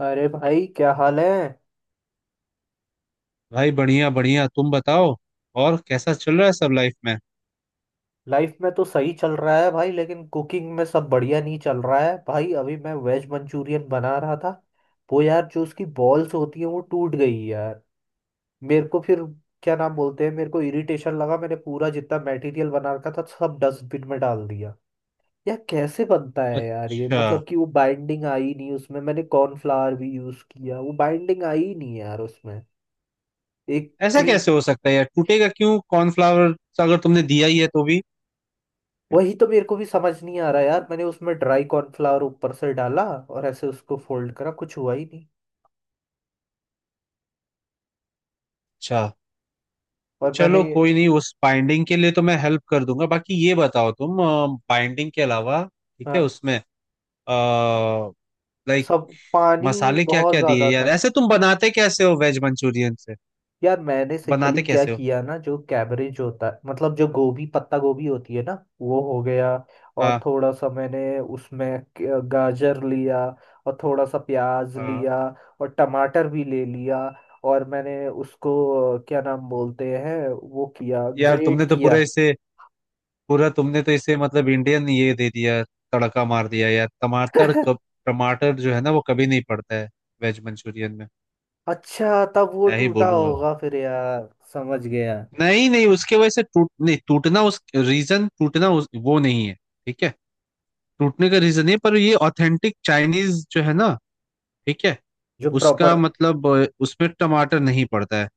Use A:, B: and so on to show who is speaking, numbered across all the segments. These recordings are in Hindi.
A: अरे भाई क्या हाल है?
B: भाई बढ़िया बढ़िया, तुम बताओ। और कैसा चल रहा है सब लाइफ में?
A: लाइफ में तो सही चल रहा है भाई, लेकिन कुकिंग में सब बढ़िया नहीं चल रहा है भाई। अभी मैं वेज मंचूरियन बना रहा था। वो यार जो उसकी बॉल्स होती है वो टूट गई यार। मेरे को फिर क्या नाम बोलते हैं, मेरे को इरिटेशन लगा। मैंने पूरा जितना मटेरियल बना रखा था सब डस्टबिन में डाल दिया। यार कैसे बनता है यार ये,
B: अच्छा,
A: मतलब कि वो बाइंडिंग आई नहीं उसमें। मैंने कॉर्नफ्लावर भी यूज किया, वो बाइंडिंग आई नहीं यार उसमें। एक,
B: ऐसा कैसे हो सकता है यार? टूटेगा क्यों कॉर्नफ्लावर अगर तुमने दिया ही है तो भी?
A: वही तो मेरे को भी समझ नहीं आ रहा यार। मैंने उसमें ड्राई कॉर्नफ्लावर ऊपर से डाला और ऐसे उसको फोल्ड करा, कुछ हुआ ही नहीं।
B: अच्छा,
A: और मैंने,
B: चलो कोई नहीं, उस बाइंडिंग के लिए तो मैं हेल्प कर दूंगा। बाकी ये बताओ तुम, बाइंडिंग के अलावा ठीक है
A: हाँ,
B: उसमें? लाइक
A: सब पानी
B: मसाले क्या
A: बहुत
B: क्या दिए
A: ज्यादा
B: यार?
A: था।
B: ऐसे तुम बनाते कैसे हो वेज मंचूरियन से?
A: यार मैंने
B: बनाते
A: सिंपली क्या
B: कैसे हो?
A: किया ना, जो कैबरेज होता है मतलब जो गोभी, पत्ता गोभी होती है ना, वो हो गया। और
B: हाँ
A: थोड़ा सा मैंने उसमें गाजर लिया। और थोड़ा सा प्याज
B: हाँ।
A: लिया। और टमाटर भी ले लिया। और मैंने उसको क्या नाम बोलते हैं, वो किया,
B: यार
A: ग्रेट
B: तुमने तो पूरे
A: किया।
B: इसे पूरा तुमने तो इसे मतलब इंडियन ये दे दिया। तड़का मार दिया यार। टमाटर कब? टमाटर जो है ना वो कभी नहीं पड़ता है वेज मंचूरियन में।
A: अच्छा, तब वो
B: क्या ही
A: टूटा
B: बोलूं अब।
A: होगा फिर यार, समझ गया।
B: नहीं नहीं, उसके वजह से टूट नहीं, टूटना उस रीजन, टूटना उस, वो नहीं है। ठीक है, टूटने का रीजन नहीं है, पर ये ऑथेंटिक चाइनीज जो है ना। ठीक है।
A: जो
B: उसका
A: प्रॉपर।
B: मतलब उसमें टमाटर नहीं पड़ता है।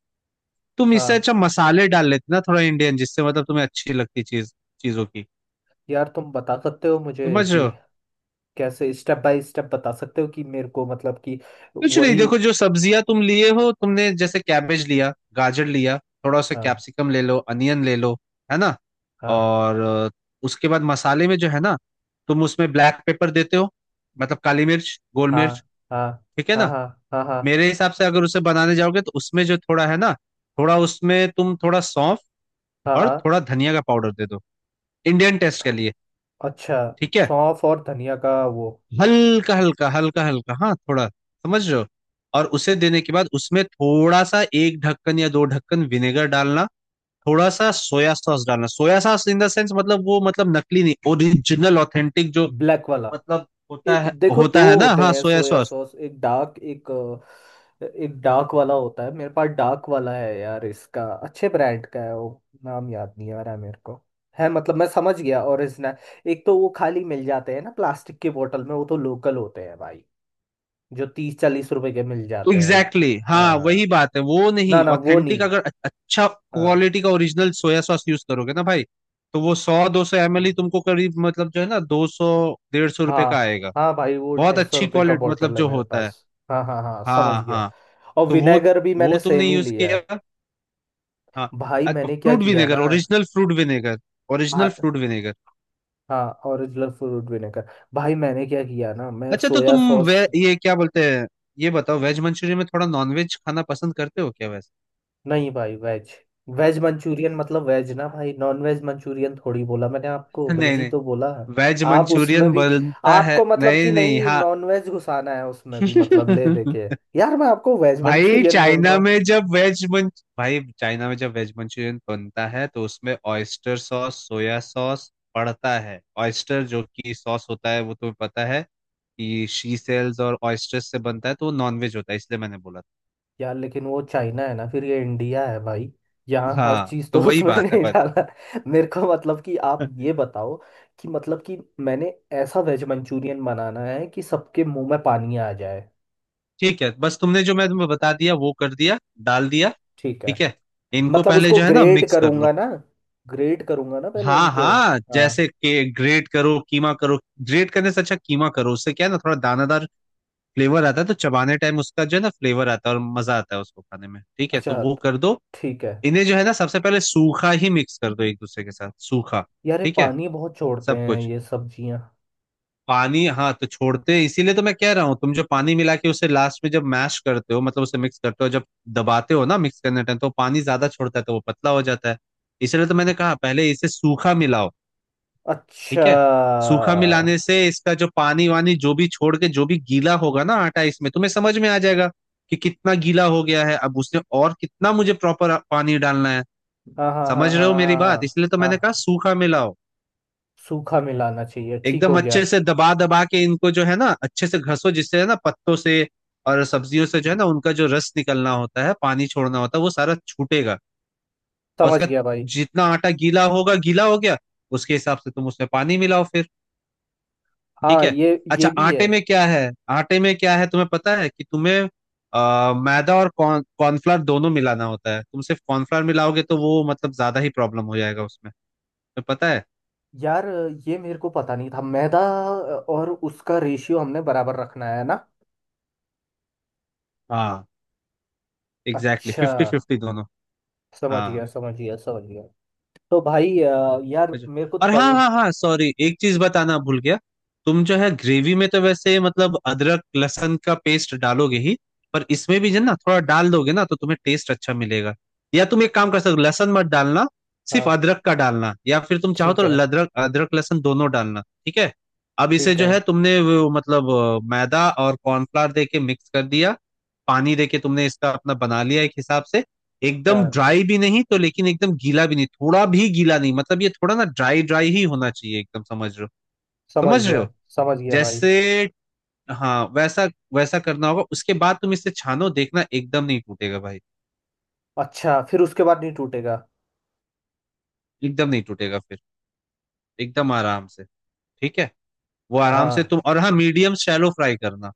B: तुम इससे
A: हाँ,
B: अच्छा मसाले डाल लेते ना थोड़ा इंडियन, जिससे मतलब तुम्हें अच्छी लगती चीज, चीजों की,
A: यार तुम बता सकते हो मुझे
B: समझ
A: कि
B: रहे हो?
A: कैसे स्टेप बाय स्टेप बता सकते हो कि मेरे को, मतलब कि
B: कुछ नहीं,
A: वही।
B: देखो, जो सब्जियां तुम लिए हो, तुमने जैसे कैबेज लिया, गाजर लिया, थोड़ा सा
A: हाँ,
B: कैप्सिकम ले लो, अनियन ले लो, है ना।
A: हाँ,
B: और उसके बाद मसाले में जो है ना, तुम उसमें ब्लैक पेपर देते हो, मतलब काली मिर्च, गोल
A: हाँ,
B: मिर्च,
A: हाँ,
B: ठीक है
A: हाँ,
B: ना।
A: हाँ, हाँ, हाँ,
B: मेरे हिसाब से अगर उसे बनाने जाओगे तो उसमें जो थोड़ा है ना, थोड़ा उसमें तुम थोड़ा सौंफ
A: हाँ,
B: और
A: हाँ।
B: थोड़ा धनिया का पाउडर दे दो, इंडियन टेस्ट के लिए,
A: अच्छा,
B: ठीक है।
A: सौंफ और धनिया का वो।
B: हल्का हल्का हल्का हल्का, हाँ थोड़ा, समझ रहे हो। और उसे देने के बाद उसमें थोड़ा सा एक ढक्कन या दो ढक्कन विनेगर डालना, थोड़ा सा सोया सॉस डालना। Soya sauce in the sense मतलब वो, मतलब नकली नहीं, ओरिजिनल ऑथेंटिक जो
A: ब्लैक वाला।
B: मतलब होता
A: एक,
B: है,
A: देखो दो
B: होता है ना,
A: होते
B: हाँ
A: हैं
B: सोया
A: सोया
B: सॉस।
A: सॉस, एक डार्क, एक एक डार्क वाला होता है, मेरे पास डार्क वाला है यार। इसका अच्छे ब्रांड का है वो, नाम याद नहीं आ रहा है मेरे को। है, मतलब मैं समझ गया, ओरिजिनल। एक तो वो खाली मिल जाते हैं ना प्लास्टिक की बोतल में, वो तो लोकल होते हैं भाई, जो 30 40 रुपए के मिल जाते हैं।
B: एग्जैक्टली exactly,
A: अ,
B: हाँ वही बात है, वो
A: ना
B: नहीं
A: ना वो
B: ऑथेंटिक
A: नहीं।
B: अगर अच्छा
A: अ,
B: क्वालिटी का ओरिजिनल सोया सॉस यूज करोगे ना भाई, तो वो 100 200 ML ही तुमको करीब, मतलब जो है ना, 200 150 रुपए का
A: हाँ
B: आएगा।
A: हाँ भाई, वो
B: बहुत
A: 250
B: अच्छी
A: रुपये का
B: क्वालिटी मतलब
A: बॉटल है
B: जो
A: मेरे
B: होता है।
A: पास। हाँ, हाँ, हाँ, समझ
B: हाँ
A: गया।
B: हाँ।
A: और
B: तो वो
A: विनेगर भी
B: वो
A: मैंने
B: तुमने
A: सेम ही
B: यूज
A: लिया
B: किया।
A: है।
B: हाँ,
A: भाई मैंने क्या
B: फ्रूट
A: किया
B: विनेगर,
A: ना,
B: ओरिजिनल फ्रूट विनेगर, ओरिजिनल
A: भा-
B: फ्रूट विनेगर।
A: हाँ, ओरिजिनल फ्रूट विनेगर। भाई मैंने क्या किया ना, मैं
B: अच्छा तो
A: सोया
B: तुम,
A: सॉस।
B: वे ये क्या बोलते हैं, ये बताओ वेज मंचूरियन में थोड़ा नॉन वेज खाना पसंद करते हो क्या वैसे?
A: नहीं भाई, वेज, वेज मंचूरियन मतलब वेज ना भाई, नॉन वेज मंचूरियन थोड़ी बोला मैंने आपको, वेज
B: नहीं
A: ही
B: नहीं,
A: तो बोला।
B: वेज
A: आप उसमें
B: मंचूरियन
A: भी,
B: बनता है,
A: आपको मतलब कि
B: नहीं नहीं,
A: नहीं,
B: हाँ।
A: नॉन वेज घुसाना है उसमें भी, मतलब ले देके। यार मैं आपको वेज मंचूरियन बोल रहा हूँ।
B: भाई चाइना में जब वेज मंचूरियन बनता है तो उसमें ऑयस्टर सॉस, सोया सॉस पड़ता है। ऑयस्टर जो कि सॉस होता है, वो तुम्हें पता है कि शी सेल्स और ऑयस्टर्स से बनता है, तो वो नॉनवेज होता है, इसलिए मैंने बोला
A: यार लेकिन वो चाइना है ना, फिर ये इंडिया है भाई। यहाँ
B: था।
A: हर
B: हाँ,
A: चीज तो
B: तो वही
A: उसमें
B: बात है
A: नहीं
B: बस।
A: डाला है। मेरे को मतलब कि आप ये बताओ कि मतलब कि मैंने ऐसा वेज मंचूरियन बनाना है कि सबके मुंह में पानी आ जाए।
B: ठीक है, बस तुमने जो, मैं तुम्हें बता दिया वो कर दिया, डाल दिया,
A: ठीक है,
B: ठीक है। इनको
A: मतलब
B: पहले
A: उसको
B: जो है ना
A: ग्रेट
B: मिक्स कर लो।
A: करूंगा ना, ग्रेट करूंगा ना पहले
B: हाँ
A: इनको।
B: हाँ,
A: हाँ,
B: जैसे के ग्रेट करो, कीमा करो। ग्रेट करने से अच्छा कीमा करो, उससे क्या है ना, थोड़ा दानादार फ्लेवर आता है, तो चबाने टाइम उसका जो है ना फ्लेवर आता है और मजा आता है उसको खाने में, ठीक है, तो
A: अच्छा,
B: वो कर दो।
A: ठीक है।
B: इन्हें जो है ना सबसे पहले सूखा ही मिक्स कर दो एक दूसरे के साथ, सूखा,
A: यार ये
B: ठीक है,
A: पानी बहुत छोड़ते
B: सब
A: हैं
B: कुछ।
A: ये सब्जियां।
B: पानी, हाँ तो छोड़ते हैं, इसीलिए तो मैं कह रहा हूँ, तुम जो पानी मिला के उसे लास्ट में जब मैश करते हो, मतलब उसे मिक्स करते हो, जब दबाते हो ना मिक्स करने टाइम, तो पानी ज्यादा छोड़ता है तो वो पतला हो जाता है। इसलिए तो मैंने कहा पहले इसे सूखा मिलाओ,
A: अच्छा,
B: ठीक है। सूखा मिलाने से इसका जो पानी वानी जो भी छोड़ के जो भी गीला होगा ना आटा, इसमें तुम्हें समझ में आ जाएगा कि कितना गीला हो गया है अब उसने, और कितना मुझे प्रॉपर पानी डालना है।
A: हाँ, हाँ, हाँ,
B: समझ रहे
A: हाँ,
B: हो मेरी
A: हाँ,
B: बात,
A: हाँ,
B: इसलिए तो मैंने
A: हाँ,
B: कहा सूखा मिलाओ।
A: सूखा मिलाना चाहिए, ठीक हो
B: एकदम
A: गया।
B: अच्छे से दबा दबा के इनको जो है ना अच्छे से घसो, जिससे है ना पत्तों से और सब्जियों से जो है ना, उनका जो रस निकलना होता है, पानी छोड़ना होता है, वो सारा छूटेगा। और
A: समझ
B: उसका,
A: गया भाई।
B: जितना आटा गीला होगा, गीला हो गया, उसके हिसाब से तुम उसमें पानी मिलाओ फिर, ठीक
A: हाँ,
B: है।
A: ये
B: अच्छा,
A: ये भी है।
B: आटे में क्या है, आटे में क्या है तुम्हें पता है? कि तुम्हें मैदा और कॉर्नफ्लावर दोनों मिलाना होता है। तुम सिर्फ कॉर्नफ्लावर मिलाओगे तो वो मतलब ज्यादा ही प्रॉब्लम हो जाएगा उसमें, तुम्हें पता है।
A: यार ये मेरे को पता नहीं था, मैदा और उसका रेशियो हमने बराबर रखना है ना।
B: हाँ, एग्जैक्टली
A: अच्छा,
B: फिफ्टी फिफ्टी दोनों।
A: समझ
B: हाँ,
A: गया, समझ गया, समझ गया। तो भाई यार
B: समझ।
A: मेरे को
B: और हाँ
A: तल।
B: हाँ हाँ, सॉरी, एक चीज बताना भूल गया। तुम जो है ग्रेवी में तो वैसे मतलब अदरक लहसुन का पेस्ट डालोगे ही, पर इसमें भी जो है ना थोड़ा डाल दोगे ना, तो तुम्हें टेस्ट अच्छा मिलेगा। या तुम एक काम कर सकते हो, लहसुन मत डालना, सिर्फ
A: हाँ,
B: अदरक का डालना, या फिर तुम चाहो
A: ठीक
B: तो
A: है,
B: अदरक, अदरक लहसुन दोनों डालना, ठीक है। अब इसे
A: ठीक
B: जो
A: है।
B: है तुमने वो, मतलब मैदा और कॉर्नफ्लावर दे के मिक्स कर दिया, पानी दे के तुमने इसका अपना बना लिया एक हिसाब से। एकदम
A: यार
B: ड्राई भी नहीं तो, लेकिन एकदम गीला भी नहीं, थोड़ा भी गीला नहीं, मतलब ये थोड़ा ना ड्राई ड्राई ही होना चाहिए एकदम, समझ रहे हो,
A: समझ
B: समझ रहे हो,
A: गया, समझ गया भाई।
B: जैसे, हाँ वैसा, वैसा करना होगा। उसके बाद तुम इसे छानो, देखना एकदम नहीं टूटेगा भाई,
A: अच्छा, फिर उसके बाद नहीं टूटेगा?
B: एकदम नहीं टूटेगा फिर, एकदम आराम से, ठीक है। वो आराम से
A: हाँ,
B: तुम, और हाँ, मीडियम शैलो फ्राई करना,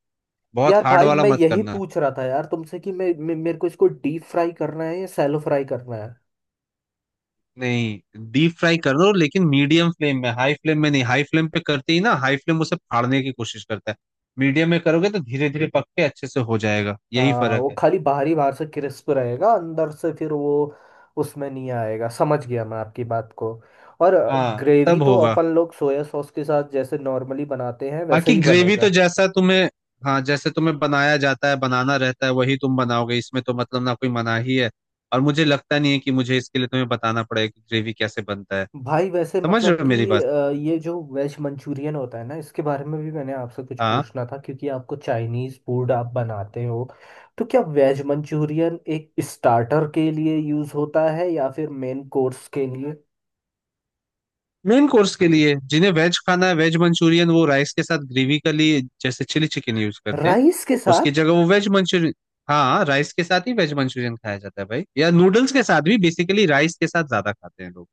B: बहुत
A: यार
B: हार्ड
A: भाई
B: वाला
A: मैं
B: मत
A: यही
B: करना।
A: पूछ रहा था यार तुमसे कि मैं मेरे को इसको डीप फ्राई करना है या सैलो फ्राई करना है।
B: नहीं, डीप फ्राई कर दो, लेकिन मीडियम फ्लेम में, हाई फ्लेम में नहीं, हाई फ्लेम पे करते ही ना, हाई फ्लेम उसे फाड़ने की कोशिश करता है। मीडियम में करोगे तो धीरे धीरे पक के अच्छे से हो जाएगा, यही
A: हाँ,
B: फर्क
A: वो
B: है।
A: खाली बाहरी, बाहर से क्रिस्प रहेगा, अंदर से फिर वो उसमें नहीं आएगा। समझ गया मैं आपकी बात को। और
B: हाँ,
A: ग्रेवी
B: तब
A: तो
B: होगा।
A: अपन लोग सोया सॉस के साथ जैसे नॉर्मली बनाते हैं वैसे
B: बाकी
A: ही
B: ग्रेवी
A: बनेगा।
B: तो जैसा तुम्हें, हाँ जैसे तुम्हें बनाया जाता है, बनाना रहता है, वही तुम बनाओगे, इसमें तो मतलब ना कोई मनाही है। और मुझे लगता नहीं है कि मुझे इसके लिए तुम्हें बताना पड़ेगा कि ग्रेवी कैसे बनता है।
A: भाई वैसे
B: समझ रहे
A: मतलब
B: हो मेरी
A: कि
B: बात।
A: ये जो वेज मंचूरियन होता है ना, इसके बारे में भी मैंने आपसे कुछ
B: हाँ।
A: पूछना था क्योंकि आपको चाइनीज़ फूड, आप बनाते हो। तो क्या वेज मंचूरियन एक स्टार्टर के लिए यूज़ होता है या फिर मेन कोर्स के लिए?
B: मेन कोर्स के लिए, जिन्हें वेज खाना है, वेज मंचूरियन वो राइस के साथ ग्रेवी के लिए, जैसे चिली चिकन यूज करते हैं
A: राइस के
B: उसकी
A: साथ?
B: जगह वो वेज मंचूरियन। हाँ राइस के साथ ही वेज मंचूरियन खाया जाता है भाई, या नूडल्स के साथ भी, बेसिकली राइस के साथ ज्यादा खाते हैं लोग।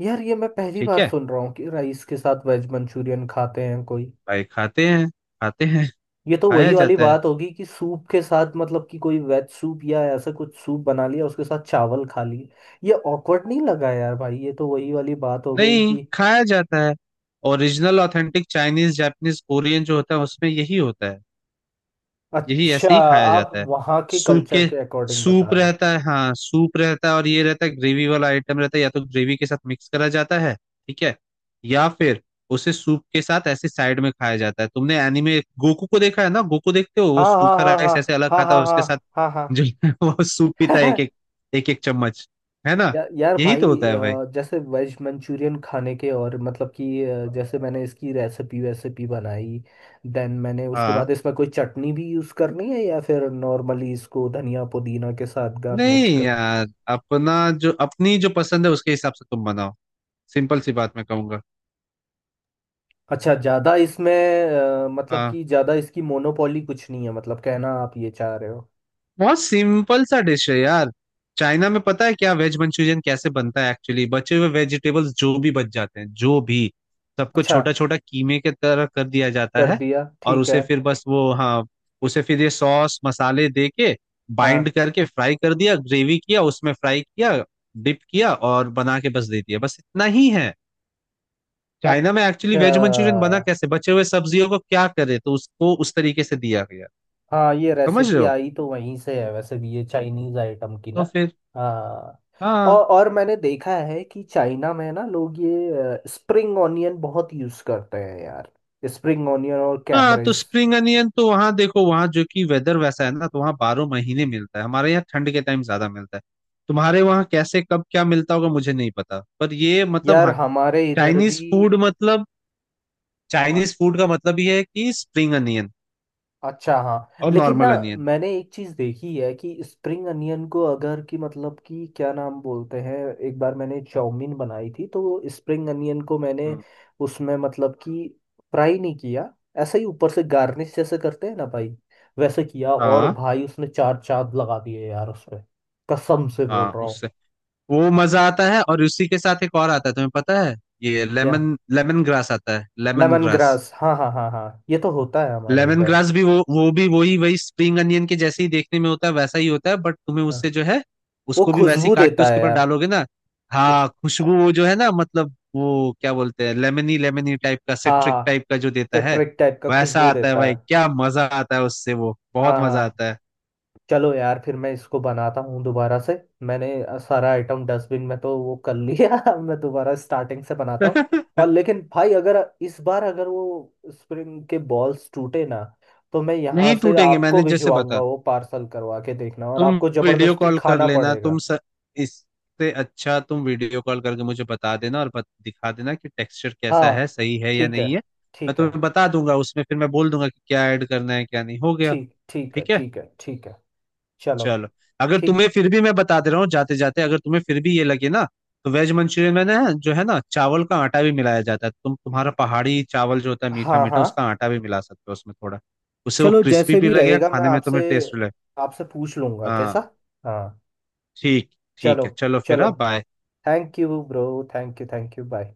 A: यार ये मैं पहली
B: ठीक
A: बार
B: है,
A: सुन रहा हूँ कि राइस के साथ वेज मंचूरियन खाते हैं कोई।
B: भाई खाते हैं खाते हैं,
A: ये तो
B: खाया
A: वही वाली
B: जाता है,
A: बात होगी कि सूप के साथ, मतलब कि कोई वेज सूप या ऐसा कुछ सूप बना लिया, उसके साथ चावल खा लिए। ये ऑकवर्ड नहीं लगा यार भाई, ये तो वही वाली बात हो गई
B: नहीं
A: कि।
B: खाया जाता है। Original authentic Chinese Japanese Korean जो होता है उसमें यही होता है, यही
A: अच्छा,
B: ऐसे ही खाया
A: आप
B: जाता है।
A: वहाँ के
B: सूप
A: कल्चर
B: के,
A: के अकॉर्डिंग
B: सूप
A: बता रहे हो।
B: रहता है, हाँ सूप रहता है, और ये रहता है ग्रेवी वाला आइटम रहता है, या तो ग्रेवी के साथ मिक्स करा जाता है, ठीक है, या फिर उसे सूप के साथ ऐसे साइड में खाया जाता है। तुमने एनीमे गोकू को देखा है ना, गोकू देखते हो,
A: हाँ,
B: वो
A: हाँ,
B: सूखा राइस ऐसे अलग
A: हाँ, हाँ,
B: खाता है,
A: हाँ,
B: उसके
A: हाँ,
B: साथ
A: हाँ, हाँ,
B: जो है वो सूप पीता है, एक
A: हाँ।
B: एक, एक एक चम्मच, है ना।
A: यार
B: यही
A: भाई
B: तो होता है भाई।
A: जैसे वेज मंचूरियन खाने के, और मतलब कि जैसे मैंने इसकी रेसिपी वेसिपी बनाई। देन मैंने उसके
B: हाँ।
A: बाद इसमें कोई चटनी भी यूज़ करनी है या फिर नॉर्मली इसको धनिया पुदीना के साथ गार्निश
B: नहीं
A: करना?
B: यार, अपना, जो अपनी जो पसंद है उसके हिसाब से तुम बनाओ, सिंपल सी बात मैं कहूंगा।
A: अच्छा, ज़्यादा इसमें मतलब
B: हाँ,
A: कि ज़्यादा इसकी मोनोपोली कुछ नहीं है, मतलब कहना आप ये चाह रहे हो?
B: बहुत सिंपल सा डिश है यार। चाइना में पता है क्या वेज मंचूरियन कैसे बनता है एक्चुअली, बचे हुए वेजिटेबल्स जो भी बच जाते हैं, जो भी, सबको
A: अच्छा,
B: छोटा छोटा कीमे के तरह कर दिया जाता
A: कर
B: है।
A: दिया,
B: और
A: ठीक
B: उसे
A: है।
B: फिर बस वो, हाँ उसे फिर ये सॉस मसाले दे के
A: हाँ।
B: बाइंड करके फ्राई कर दिया, ग्रेवी किया, उसमें फ्राई किया, डिप किया, और बना के बस दे दिया, बस इतना ही है। चाइना में एक्चुअली
A: अच्छा।
B: वेज मंचूरियन बना कैसे, बचे हुए सब्जियों को क्या करे, तो उसको उस तरीके से दिया गया।
A: हाँ, ये
B: समझ रहे
A: रेसिपी
B: हो,
A: आई तो वहीं से है, वैसे भी ये चाइनीज आइटम की ना।
B: तो फिर।
A: हाँ,
B: हाँ।
A: और मैंने देखा है कि चाइना में ना लोग ये स्प्रिंग ऑनियन बहुत यूज करते हैं यार, स्प्रिंग ऑनियन और
B: हाँ तो
A: कैबरेज।
B: स्प्रिंग अनियन तो वहाँ देखो, वहाँ जो कि वेदर वैसा है ना, तो वहाँ 12 महीने मिलता है, हमारे यहाँ ठंड के टाइम ज्यादा मिलता है। तुम्हारे वहाँ कैसे कब क्या मिलता होगा मुझे नहीं पता, पर ये मतलब,
A: यार
B: हाँ।
A: हमारे इधर
B: चाइनीज
A: भी।
B: फूड मतलब, चाइनीज फूड का मतलब ये है कि स्प्रिंग अनियन
A: अच्छा, हाँ,
B: और
A: लेकिन ना
B: नॉर्मल अनियन।
A: मैंने एक चीज देखी है कि स्प्रिंग अनियन को, अगर कि मतलब कि क्या नाम बोलते हैं, एक बार मैंने चाउमीन बनाई थी तो स्प्रिंग अनियन को मैंने
B: हम्म,
A: उसमें, मतलब कि, फ्राई नहीं किया, ऐसे ही ऊपर से गार्निश जैसे करते हैं ना भाई, वैसे किया। और
B: हाँ
A: भाई उसने चार चांद लगा दिए यार उस पे, कसम से बोल
B: हाँ,
A: रहा हूँ।
B: उससे वो मजा आता है, और उसी के साथ एक और आता है तुम्हें पता है, ये
A: क्या?
B: लेमन लेमन ग्रास आता है, लेमन
A: लेमन
B: ग्रास,
A: ग्रास, हाँ, हाँ, हाँ, हाँ, ये तो होता है हमारे
B: लेमन
A: इधर।
B: ग्रास भी, वो भी वही, वही स्प्रिंग अनियन के जैसे ही देखने में होता है, वैसा ही होता है, बट तुम्हें
A: हाँ।
B: उससे जो है,
A: वो
B: उसको भी वैसे ही
A: खुशबू
B: काट के
A: देता है
B: उसके ऊपर
A: यार।
B: डालोगे ना।
A: वो,
B: हाँ खुशबू, वो जो है ना मतलब वो क्या बोलते हैं, लेमनी लेमनी टाइप का,
A: हाँ,
B: सिट्रिक
A: हाँ।
B: टाइप का जो देता है,
A: सिट्रिक टाइप का
B: वैसा
A: खुशबू
B: आता है
A: देता
B: भाई,
A: है।
B: क्या मजा आता है उससे, वो
A: हाँ,
B: बहुत मजा
A: हाँ।
B: आता है।
A: चलो यार फिर मैं इसको बनाता हूँ दोबारा से। मैंने सारा आइटम डस्टबिन में तो वो कर लिया। अब मैं दोबारा स्टार्टिंग से बनाता हूँ। और लेकिन भाई अगर इस बार अगर वो स्प्रिंग के बॉल्स टूटे ना, तो मैं यहाँ
B: नहीं
A: से
B: टूटेंगे,
A: आपको
B: मैंने जैसे
A: भिजवाऊंगा,
B: बता,
A: वो पार्सल करवा के, देखना, और
B: तुम,
A: आपको
B: वीडियो
A: जबरदस्ती
B: कॉल कर
A: खाना
B: लेना तुम
A: पड़ेगा।
B: स... इससे अच्छा तुम वीडियो कॉल करके मुझे बता देना, और दिखा देना कि टेक्सचर कैसा है,
A: हाँ,
B: सही है या
A: ठीक है,
B: नहीं है। मैं
A: ठीक है।
B: तुम्हें बता दूंगा उसमें, फिर मैं बोल दूंगा कि क्या ऐड करना है क्या नहीं, हो गया,
A: ठीक, ठीक है,
B: ठीक है।
A: ठीक है, ठीक है। चलो।
B: चलो। अगर
A: ठीक।
B: तुम्हें फिर भी, मैं बता दे रहा हूँ जाते जाते, अगर तुम्हें फिर भी ये लगे ना, तो वेज मंचूरियन में ना जो है ना, चावल का आटा भी मिलाया जाता है। तुम तुम्हारा पहाड़ी चावल जो होता है मीठा
A: हाँ,
B: मीठा,
A: हाँ।
B: उसका आटा भी मिला सकते हो उसमें थोड़ा, उससे वो
A: चलो,
B: क्रिस्पी
A: जैसे
B: भी
A: भी
B: लगेगा
A: रहेगा मैं
B: खाने में,
A: आपसे
B: तुम्हें टेस्ट लगे।
A: आपसे पूछ लूंगा कैसा।
B: हाँ,
A: हाँ।
B: ठीक, ठीक
A: चलो,
B: है। चलो फिर,
A: चलो।
B: हाँ bye.
A: Thank you bro. Thank you, thank you, bye.